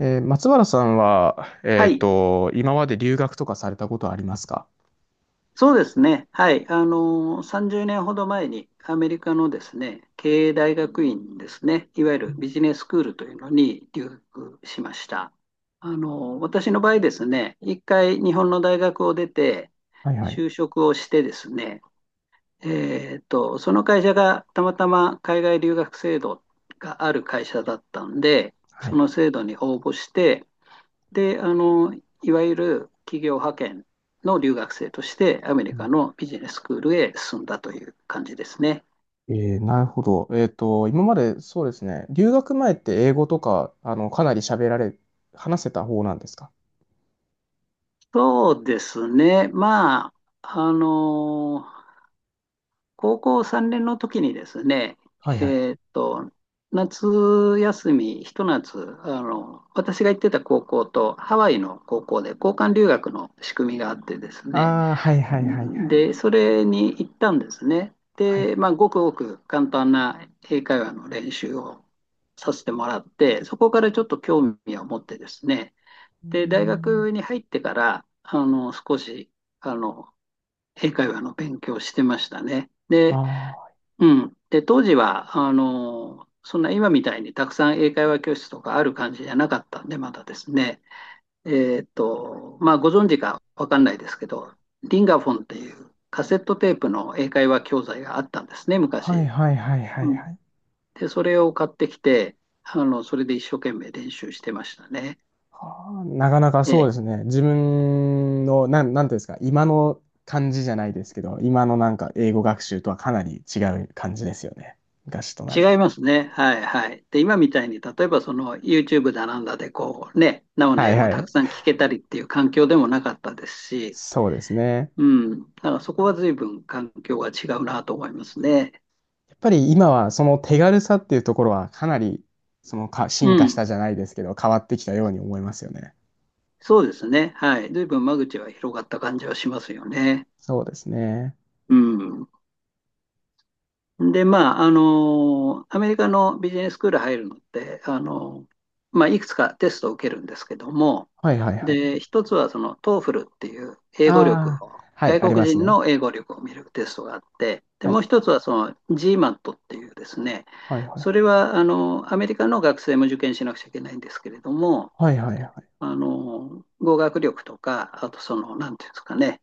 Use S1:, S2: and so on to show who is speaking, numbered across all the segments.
S1: 松原さんは、
S2: はい、
S1: 今まで留学とかされたことありますか？
S2: そうですね。はい、30年ほど前にアメリカのですね、経営大学院ですね、いわゆるビジネススクールというのに留学しました。私の場合ですね、一回日本の大学を出て、
S1: はいはい。
S2: 就職をしてですね、その会社がたまたま海外留学制度がある会社だったんで、
S1: は
S2: そ
S1: い。
S2: の制度に応募して、で、あの、いわゆる企業派遣の留学生としてアメ
S1: う
S2: リカ
S1: ん。
S2: のビジネススクールへ進んだという感じですね。
S1: なるほど。今までそうですね、留学前って英語とか、かなり喋られ、話せた方なんですか？
S2: そうですね。まあ、あの、高校3年の時にですね、
S1: はいはい。
S2: えっと、夏休み、ひと夏、あの、私が行ってた高校とハワイの高校で交換留学の仕組みがあってですね、
S1: ああ、はいはいはいはい。
S2: で、それに行ったんですね。
S1: はい。
S2: で、まあ、ごくごく簡単な英会話の練習をさせてもらって、そこからちょっと興味を持ってですね、
S1: うー
S2: で、大
S1: ん。
S2: 学に入ってから、あの、少し、あの、英会話の勉強をしてましたね。
S1: あ
S2: で、
S1: あ、
S2: うん。で、当時は、あの、そんな今みたいにたくさん英会話教室とかある感じじゃなかったんで、まだですね。まあ、ご存知かわかんないですけど、リンガフォンっていうカセットテープの英会話教材があったんですね、
S1: はい
S2: 昔。
S1: はいはいはいは
S2: うん、
S1: い。
S2: で、それを買ってきて、あの、それで一生懸命練習してましたね。
S1: はあ、なかなか
S2: え
S1: そう
S2: え、
S1: ですね。自分の、なんていうんですか、今の感じじゃないですけど、今のなんか英語学習とはかなり違う感じですよね。昔となる
S2: 違
S1: と。
S2: いますね。はいはい。で、今みたいに、例えばその YouTube だなんだで、こうね、生の
S1: は
S2: 英
S1: い
S2: 語を
S1: は
S2: た
S1: い。
S2: くさん聞けたりっていう環境でもなかったですし、
S1: そうですね。
S2: うん、だからそこは随分環境が違うなと思いますね。
S1: やっぱり今はその手軽さっていうところはかなりそのか
S2: う
S1: 進化し
S2: ん。
S1: たじゃないですけど、変わってきたように思いますよね。
S2: そうですね。はい。随分間口は広がった感じはしますよね。
S1: そうですね。
S2: うん。で、まあ、あの、アメリカのビジネススクール入るのって、あの、まあ、いくつかテストを受けるんですけども、
S1: はいはいはい。
S2: で、一つはその TOEFL っていう英語力
S1: ああ、
S2: を、
S1: はい、
S2: 外
S1: ありま
S2: 国
S1: す
S2: 人
S1: ね。
S2: の英語力を見るテストがあって、で、
S1: は
S2: も
S1: い。
S2: う一つはその GMAT っていうですね、
S1: はいは
S2: それ
S1: い。
S2: はあのアメリカの学生も受験しなくちゃいけないんですけれども、
S1: はいはいはい。
S2: あの語学力とか、あとその、なんていうんですかね、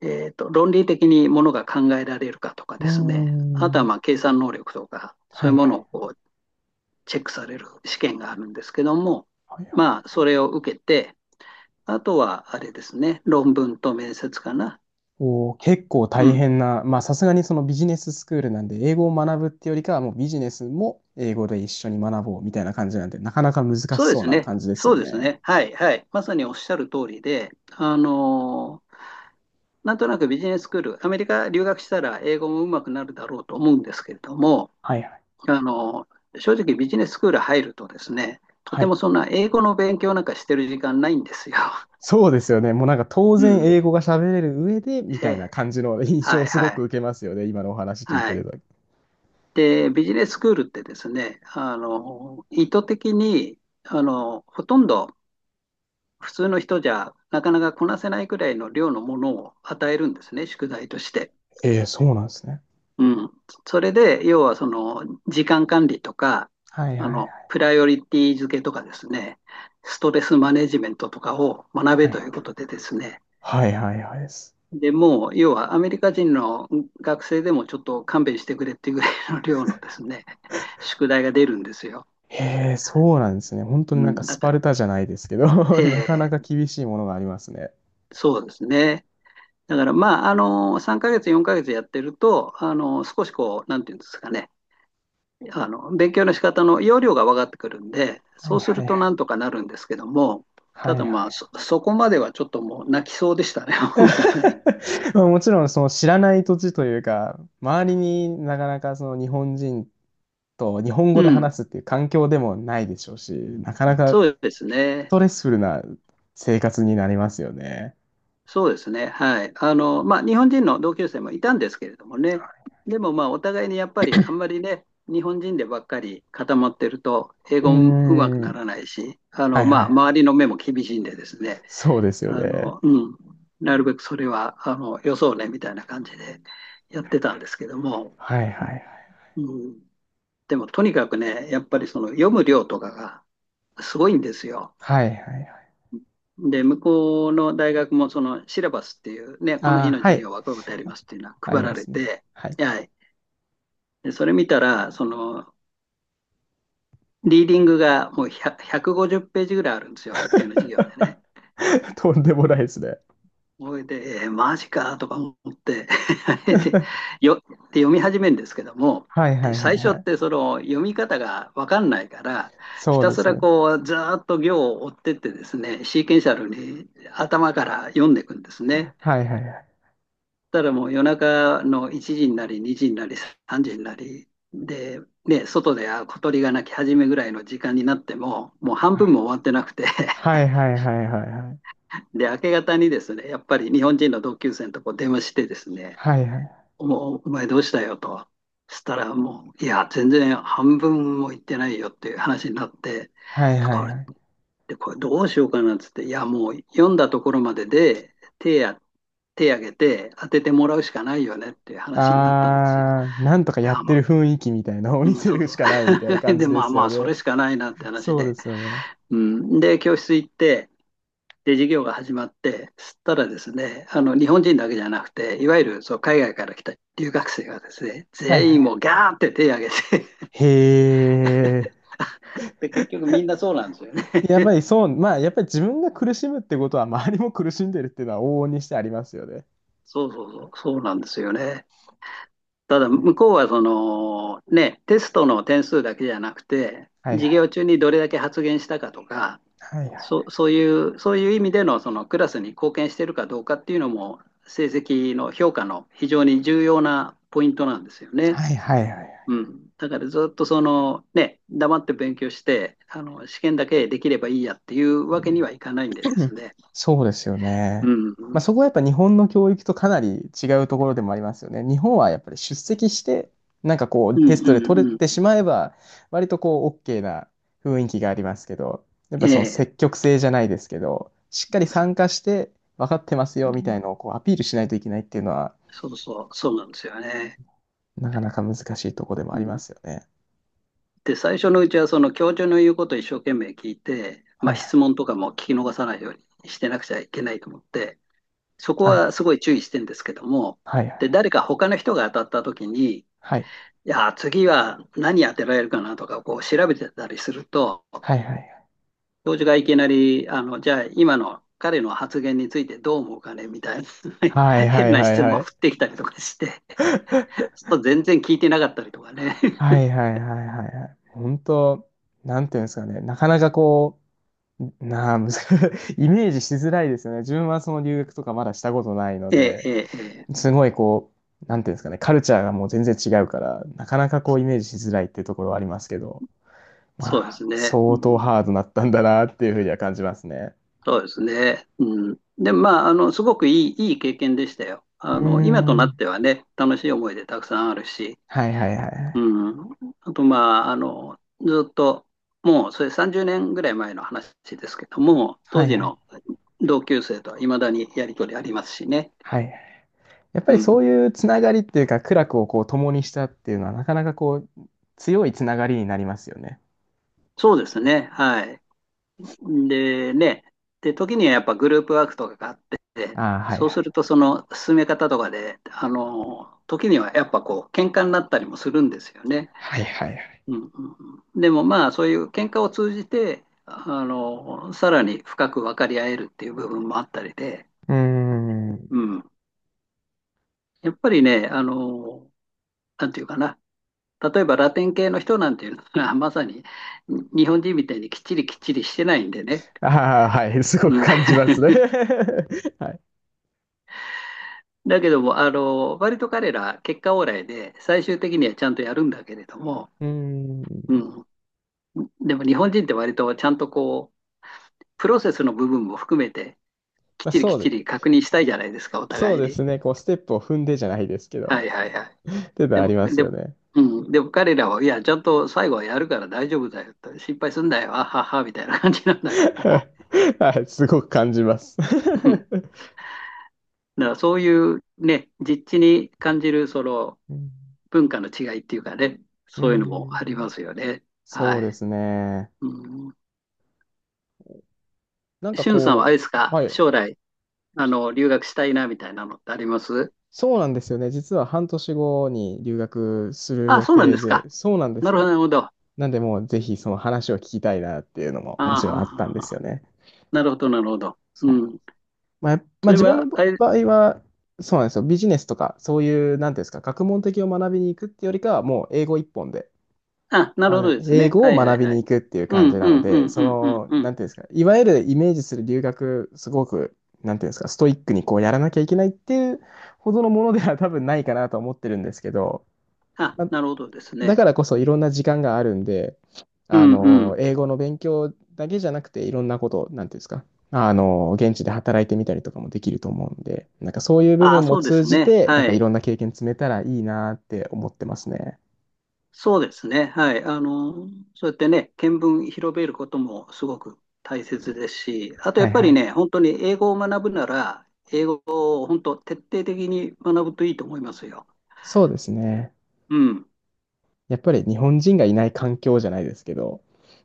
S2: 論理的にものが考えられるかとか
S1: うー
S2: ですね、あとは
S1: ん。
S2: まあ計算能力とか、そ
S1: は
S2: う
S1: い
S2: いう
S1: は
S2: もの
S1: い。
S2: をこうチェックされる試験があるんですけども、
S1: はいはい。
S2: まあ、それを受けて、あとはあれですね、論文と面接かな。
S1: おー、結構
S2: う
S1: 大
S2: ん。
S1: 変な、まあさすがにそのビジネススクールなんで、英語を学ぶってよりかはもうビジネスも英語で一緒に学ぼうみたいな感じなんで、なかなか難し
S2: そうで
S1: そう
S2: す
S1: な
S2: ね。
S1: 感じです
S2: そ
S1: よ
S2: うです
S1: ね。
S2: ね。はい、はい。まさにおっしゃる通りで、なんとなくビジネススクール、アメリカ留学したら英語もうまくなるだろうと思うんですけれども、
S1: はいはい。
S2: あの、正直ビジネススクール入るとですね、と
S1: は
S2: ても
S1: い。
S2: そんな英語の勉強なんかしてる時間ないんですよ。
S1: そうですよね。もうなんか当
S2: う
S1: 然
S2: ん。
S1: 英語が喋れる上でみたいな
S2: で
S1: 感じの印象
S2: は
S1: を
S2: い
S1: す
S2: は
S1: ごく
S2: い。
S1: 受けますよね。今のお話聞いて
S2: は
S1: る
S2: い。
S1: と。
S2: で、ビジネススクールってですね、あの、意図的に、あの、ほとんど普通の人じゃなかなかこなせないくらいの量のものを与えるんですね、宿題として。
S1: ええ、そうなんですね。
S2: うん。それで、要はその、時間管理とか、
S1: はい
S2: あ
S1: はいは
S2: の、
S1: い。
S2: プライオリティ付けとかですね、ストレスマネジメントとかを学
S1: は
S2: べと
S1: い
S2: いうことでですね、
S1: はいはいはいです。
S2: でもう、要はアメリカ人の学生でもちょっと勘弁してくれっていうぐらいの量のですね、宿題が出るんですよ。
S1: へえ、そうなんですね。本当
S2: う
S1: になんか
S2: ん。だ
S1: ス
S2: か
S1: パ
S2: ら、
S1: ルタじゃないですけど、
S2: え
S1: なかなか
S2: え
S1: 厳しいものがありますね。
S2: そうですね。だから、まあ、あの、3ヶ月、4ヶ月やってると、あの、少しこう、なんていうんですかね、あの勉強の仕方の要領が分かってくるんで、
S1: は
S2: そ
S1: い
S2: うす
S1: は
S2: る
S1: いは
S2: とな
S1: い。
S2: んとかなるんですけども、
S1: は
S2: た
S1: い
S2: だ
S1: は
S2: まあ、
S1: い。
S2: そこまではちょっともう泣きそうでしたね、本当に。
S1: まあもちろんその知らない土地というか、周りになかなかその日本人と日本
S2: う
S1: 語で
S2: ん、
S1: 話すっていう環境でもないでしょうし、なかなかス
S2: そうですね。
S1: トレスフルな生活になりますよね。
S2: そうですね。はい。あの、まあ、日本人の同級生もいたんですけれどもね。でもまあ、お互いにやっぱりあんまりね、日本人でばっかり固まってると、英
S1: うー
S2: 語もうまく
S1: ん。
S2: ならないし、あ
S1: は
S2: の、
S1: い
S2: ま
S1: は
S2: あ、
S1: い。
S2: 周りの目も厳しいんでですね、
S1: そうですよ
S2: あ
S1: ね。
S2: の、うん、なるべくそれは、あの、よそうね、みたいな感じでやってたんですけども、
S1: はいはいはい。
S2: うん、でもとにかくね、やっぱりその読む量とかがすごいんですよ。
S1: はいはいはい。
S2: で、向こうの大学もそのシラバスっていうね、この日
S1: あ
S2: の
S1: あ、は
S2: 授
S1: い。
S2: 業はこういうことやりますっていうのは
S1: あり
S2: 配ら
S1: ま
S2: れ
S1: すね。
S2: て、
S1: はい。
S2: はい。で、それ見たら、その、リーディングがもう100 150ページぐらいあるんですよ、1回の授業でね。
S1: とんでもないですね。
S2: それで、えーマジかとか思って で、よ、で読み始めるんですけども、
S1: はいは
S2: で、
S1: いはい
S2: 最
S1: は
S2: 初っ
S1: い。
S2: てその読み方が分かんないから、ひ
S1: そう
S2: た
S1: で
S2: す
S1: す
S2: ら
S1: ね。
S2: こう、ずーっと行を追ってってですね、シーケンシャルに頭から読んでいくんですね。
S1: はいはいはい。
S2: たらもう夜中の1時になり、2時になり、3時になり、で、ね、外であ小鳥が鳴き始めぐらいの時間になっても、もう半分も終わってなくて
S1: はいはいはいはいはい。
S2: で、明け方にですね、やっぱり日本人の同級生のとこ電話してですね、
S1: はいはい。
S2: お前どうしたよと。そしたらもう、いや、全然半分も行ってないよっていう話になって、
S1: はいは
S2: こ
S1: い
S2: れっ
S1: はい。
S2: これどうしようかなっつって、いや、もう読んだところまでで手挙げて当ててもらうしかないよねっていう話になったんですよ。
S1: あー、なんとか
S2: で、
S1: やっ
S2: あ、
S1: て
S2: ま
S1: る
S2: あ、
S1: 雰囲気みたいなのを見
S2: うん、
S1: せ
S2: そう
S1: るし
S2: そ
S1: かないみたいな
S2: う。
S1: 感
S2: で、
S1: じで
S2: まあ
S1: す
S2: ま
S1: よ
S2: あ、そ
S1: ね。
S2: れしかないなって話
S1: そう
S2: で。
S1: ですよね。
S2: うん、で、教室行って、で、授業が始まって、そしたらですね、あの、日本人だけじゃなくて、いわゆるそう海外から来た留学生がですね、
S1: はい
S2: 全
S1: はい
S2: 員
S1: は
S2: も
S1: い。
S2: うガーンって手を挙げて
S1: へ
S2: で、結局みんなそうなんですよね。
S1: ー。やっぱりそう、まあやっぱり自分が苦しむってことは周りも苦しんでるっていうのは往々にしてありますよね。
S2: そうそうそう、そうなんですよね。ただ、
S1: ね。
S2: 向こうはその、ね、テストの点数だけじゃなくて、
S1: はい
S2: 授
S1: は
S2: 業
S1: い。
S2: 中にどれだけ発言したかとか、
S1: はいは
S2: そ
S1: い。
S2: そういうそういう意味でのそのクラスに貢献してるかどうかっていうのも成績の評価の非常に重要なポイントなんですよね。
S1: はいはいはいはい。
S2: うん。だからずっとそのね、黙って勉強して、あの、試験だけできればいいやっていう
S1: う
S2: わけに
S1: ん
S2: はいかないんでで
S1: うん。
S2: すね。
S1: そうですよ
S2: う
S1: ね。
S2: ん。う
S1: まあ、そ
S2: ん
S1: こはやっぱ日本の教育とかなり違うところでもありますよね。日本はやっぱり出席して、なんかこう
S2: う
S1: テストで
S2: ん
S1: 取れ
S2: う
S1: て
S2: ん。
S1: しまえば、割とこう OK な雰囲気がありますけど、やっ
S2: え
S1: ぱその
S2: え。
S1: 積極性じゃないですけど、しっかり参加して分かってますよみたいのをこうアピールしないといけないっていうのは、
S2: そうそう、そうなんですよね。
S1: なかなか難しいところでもあ
S2: う
S1: りま
S2: ん、
S1: すよね。
S2: で、最初のうちはその教授の言うことを一生懸命聞いて、
S1: は
S2: まあ、
S1: いは
S2: 質
S1: い。
S2: 問とかも聞き逃さないようにしてなくちゃいけないと思って、そこ
S1: はい。
S2: はすごい注意してんですけども、
S1: はいは
S2: で、
S1: い。
S2: 誰か他の人が当たった時に、い
S1: はい。
S2: や、次は何当てられるかなとかこう調べてたりすると、
S1: はいはいはい。
S2: 教授がいきなり、あの、じゃあ今の彼の発言についてどう思うかねみたいな
S1: はい は
S2: 変
S1: い
S2: な
S1: はい
S2: 質
S1: は
S2: 問を
S1: い。
S2: 振ってきたりとかして、ちょっと全然聞いてなかったりとかね。
S1: はい はいはいはいはい。本当、なんていうんですかね。なかなかこう、なあ、むず イメージしづらいですよね。自分はその留学とかまだしたことないの
S2: ええ、
S1: で、
S2: ええ、ええ
S1: すごいこう、なんていうんですかね。カルチャーがもう全然違うから、なかなかこうイメージしづらいっていうところはありますけど、ま
S2: そうで
S1: あ、
S2: すね。
S1: 相
S2: う
S1: 当
S2: ん、
S1: ハードだったんだなっていうふうには感じますね。
S2: そうですね。うん、で、まあ、あの、すごくいい、いい経験でしたよ。
S1: うー
S2: あの、今となっ
S1: ん。
S2: てはね、楽しい思い出たくさんあるし、
S1: はいはいはいは
S2: う
S1: い。
S2: ん。あと、まあ、あの、ずっと、もう、それ30年ぐらい前の話ですけども、
S1: は
S2: 当
S1: い
S2: 時
S1: はい。
S2: の同級生とはいまだにやりとりありますしね。
S1: はいはい。やっぱ
S2: う
S1: りそ
S2: ん。
S1: ういうつながりっていうか、苦楽をこう共にしたっていうのは、なかなかこう、強いつながりになりますよね。
S2: そうですね。はい。で、ね。で、時にはやっぱグループワークとかがあって、
S1: ああ、はい
S2: そ
S1: は
S2: うす
S1: い。
S2: ると、その進め方とかで、あの、時にはやっぱこう、喧嘩になったりもするんですよね。
S1: はいはいはい。
S2: うんうんうん、でもまあ、そういう喧嘩を通じて、あの、さらに深く分かり合えるっていう部分もあったりで、
S1: うーん。
S2: うん。やっぱりね、あの、なんていうかな。例えばラテン系の人なんていうのは、まさに日本人みたいにきっちりきっちりしてないんでね。
S1: ああ、はい。すご
S2: う
S1: く
S2: ん。
S1: 感じ ますね。はい。
S2: だけども、あの、割と彼ら、結果オーライで、最終的にはちゃんとやるんだけれども、
S1: うー
S2: う
S1: ん。
S2: ん。でも日本人って割とちゃんとこう、プロセスの部分も含めて、きっ
S1: まあ、
S2: ちりきっちり確認したいじゃないですか、お
S1: そう
S2: 互い
S1: で
S2: に。
S1: すね。こう、ステップを踏んでじゃないですけど、
S2: はいはいはい。
S1: っていうの
S2: で
S1: はあり
S2: も、
S1: ます
S2: で
S1: よ
S2: も、
S1: ね。
S2: うん、でも彼らは、いや、ちゃんと最後はやるから大丈夫だよと、心配すんだよ、あはは、みたいな感じなん だけども。
S1: はい。すごく感じます。
S2: うん。だからそういうね、実地に感じる、その
S1: うん。
S2: 文化の違いっていうかね、
S1: うー
S2: そういうのもありま
S1: ん。
S2: すよね。
S1: そ
S2: は
S1: うで
S2: い。
S1: すね。
S2: うん。
S1: なんか
S2: しゅんさんはあ
S1: こ
S2: れです
S1: う、
S2: か、
S1: はい。
S2: 将来、あの、留学したいな、みたいなのってあります
S1: そうなんですよね。実は半年後に留学する
S2: あ、
S1: 予
S2: そうなん
S1: 定
S2: ですか。
S1: で、そうなんで
S2: な
S1: す
S2: るほど、
S1: よ。
S2: なるほど。あ
S1: なんで、もうぜひその話を聞きたいなっていうのももちろんあった
S2: あ、
S1: んですよね。
S2: なるほど、なるほど。う
S1: そうなん。
S2: ん。
S1: まあ、ま
S2: そ
S1: あ、
S2: れ
S1: 自分の
S2: は、あれ
S1: 場合は、そうなんですよ。ビジネスとか、そういう、なんていうんですか、学問的を学びに行くってよりかは、もう英語一本で、
S2: あ、なるほどです
S1: 英
S2: ね。
S1: 語
S2: は
S1: を
S2: いは
S1: 学
S2: い
S1: び
S2: は
S1: に
S2: い。
S1: 行くっていう
S2: う
S1: 感じ
S2: ん、う
S1: なの
S2: ん、う
S1: で、
S2: ん、うん、うん、うん。
S1: なんていうんですか、いわゆるイメージする留学、すごく、なんていうんですか、ストイックにこうやらなきゃいけないっていうほどのものでは多分ないかなと思ってるんですけど、
S2: あ、
S1: まあ、
S2: なるほどです
S1: だ
S2: ね。
S1: からこそいろんな時間があるんで、
S2: うん、うん。
S1: 英語の勉強だけじゃなくて、いろんなこと、なんていうんですか、現地で働いてみたりとかもできると思うんで、なんかそういう部
S2: あ、
S1: 分も
S2: そうで
S1: 通
S2: す
S1: じ
S2: ね。
S1: て、なん
S2: は
S1: かい
S2: い。
S1: ろんな経験積めたらいいなって思ってますね。
S2: そうですね。はい。あの、そうやってね、見聞広めることもすごく大切ですし、あと
S1: は
S2: やっ
S1: い
S2: ぱ
S1: は
S2: り
S1: い。
S2: ね、本当に英語を学ぶなら、英語を本当徹底的に学ぶといいと思いますよ。
S1: そうですね。
S2: うん。
S1: やっぱり日本人がいない環境じゃないですけど、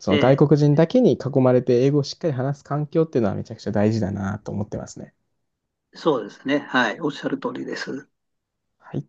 S1: そ
S2: え
S1: の外
S2: え、
S1: 国人だけに囲まれて英語をしっかり話す環境っていうのはめちゃくちゃ大事だなと思ってますね。
S2: そうですね。はい。おっしゃる通りです。
S1: はい。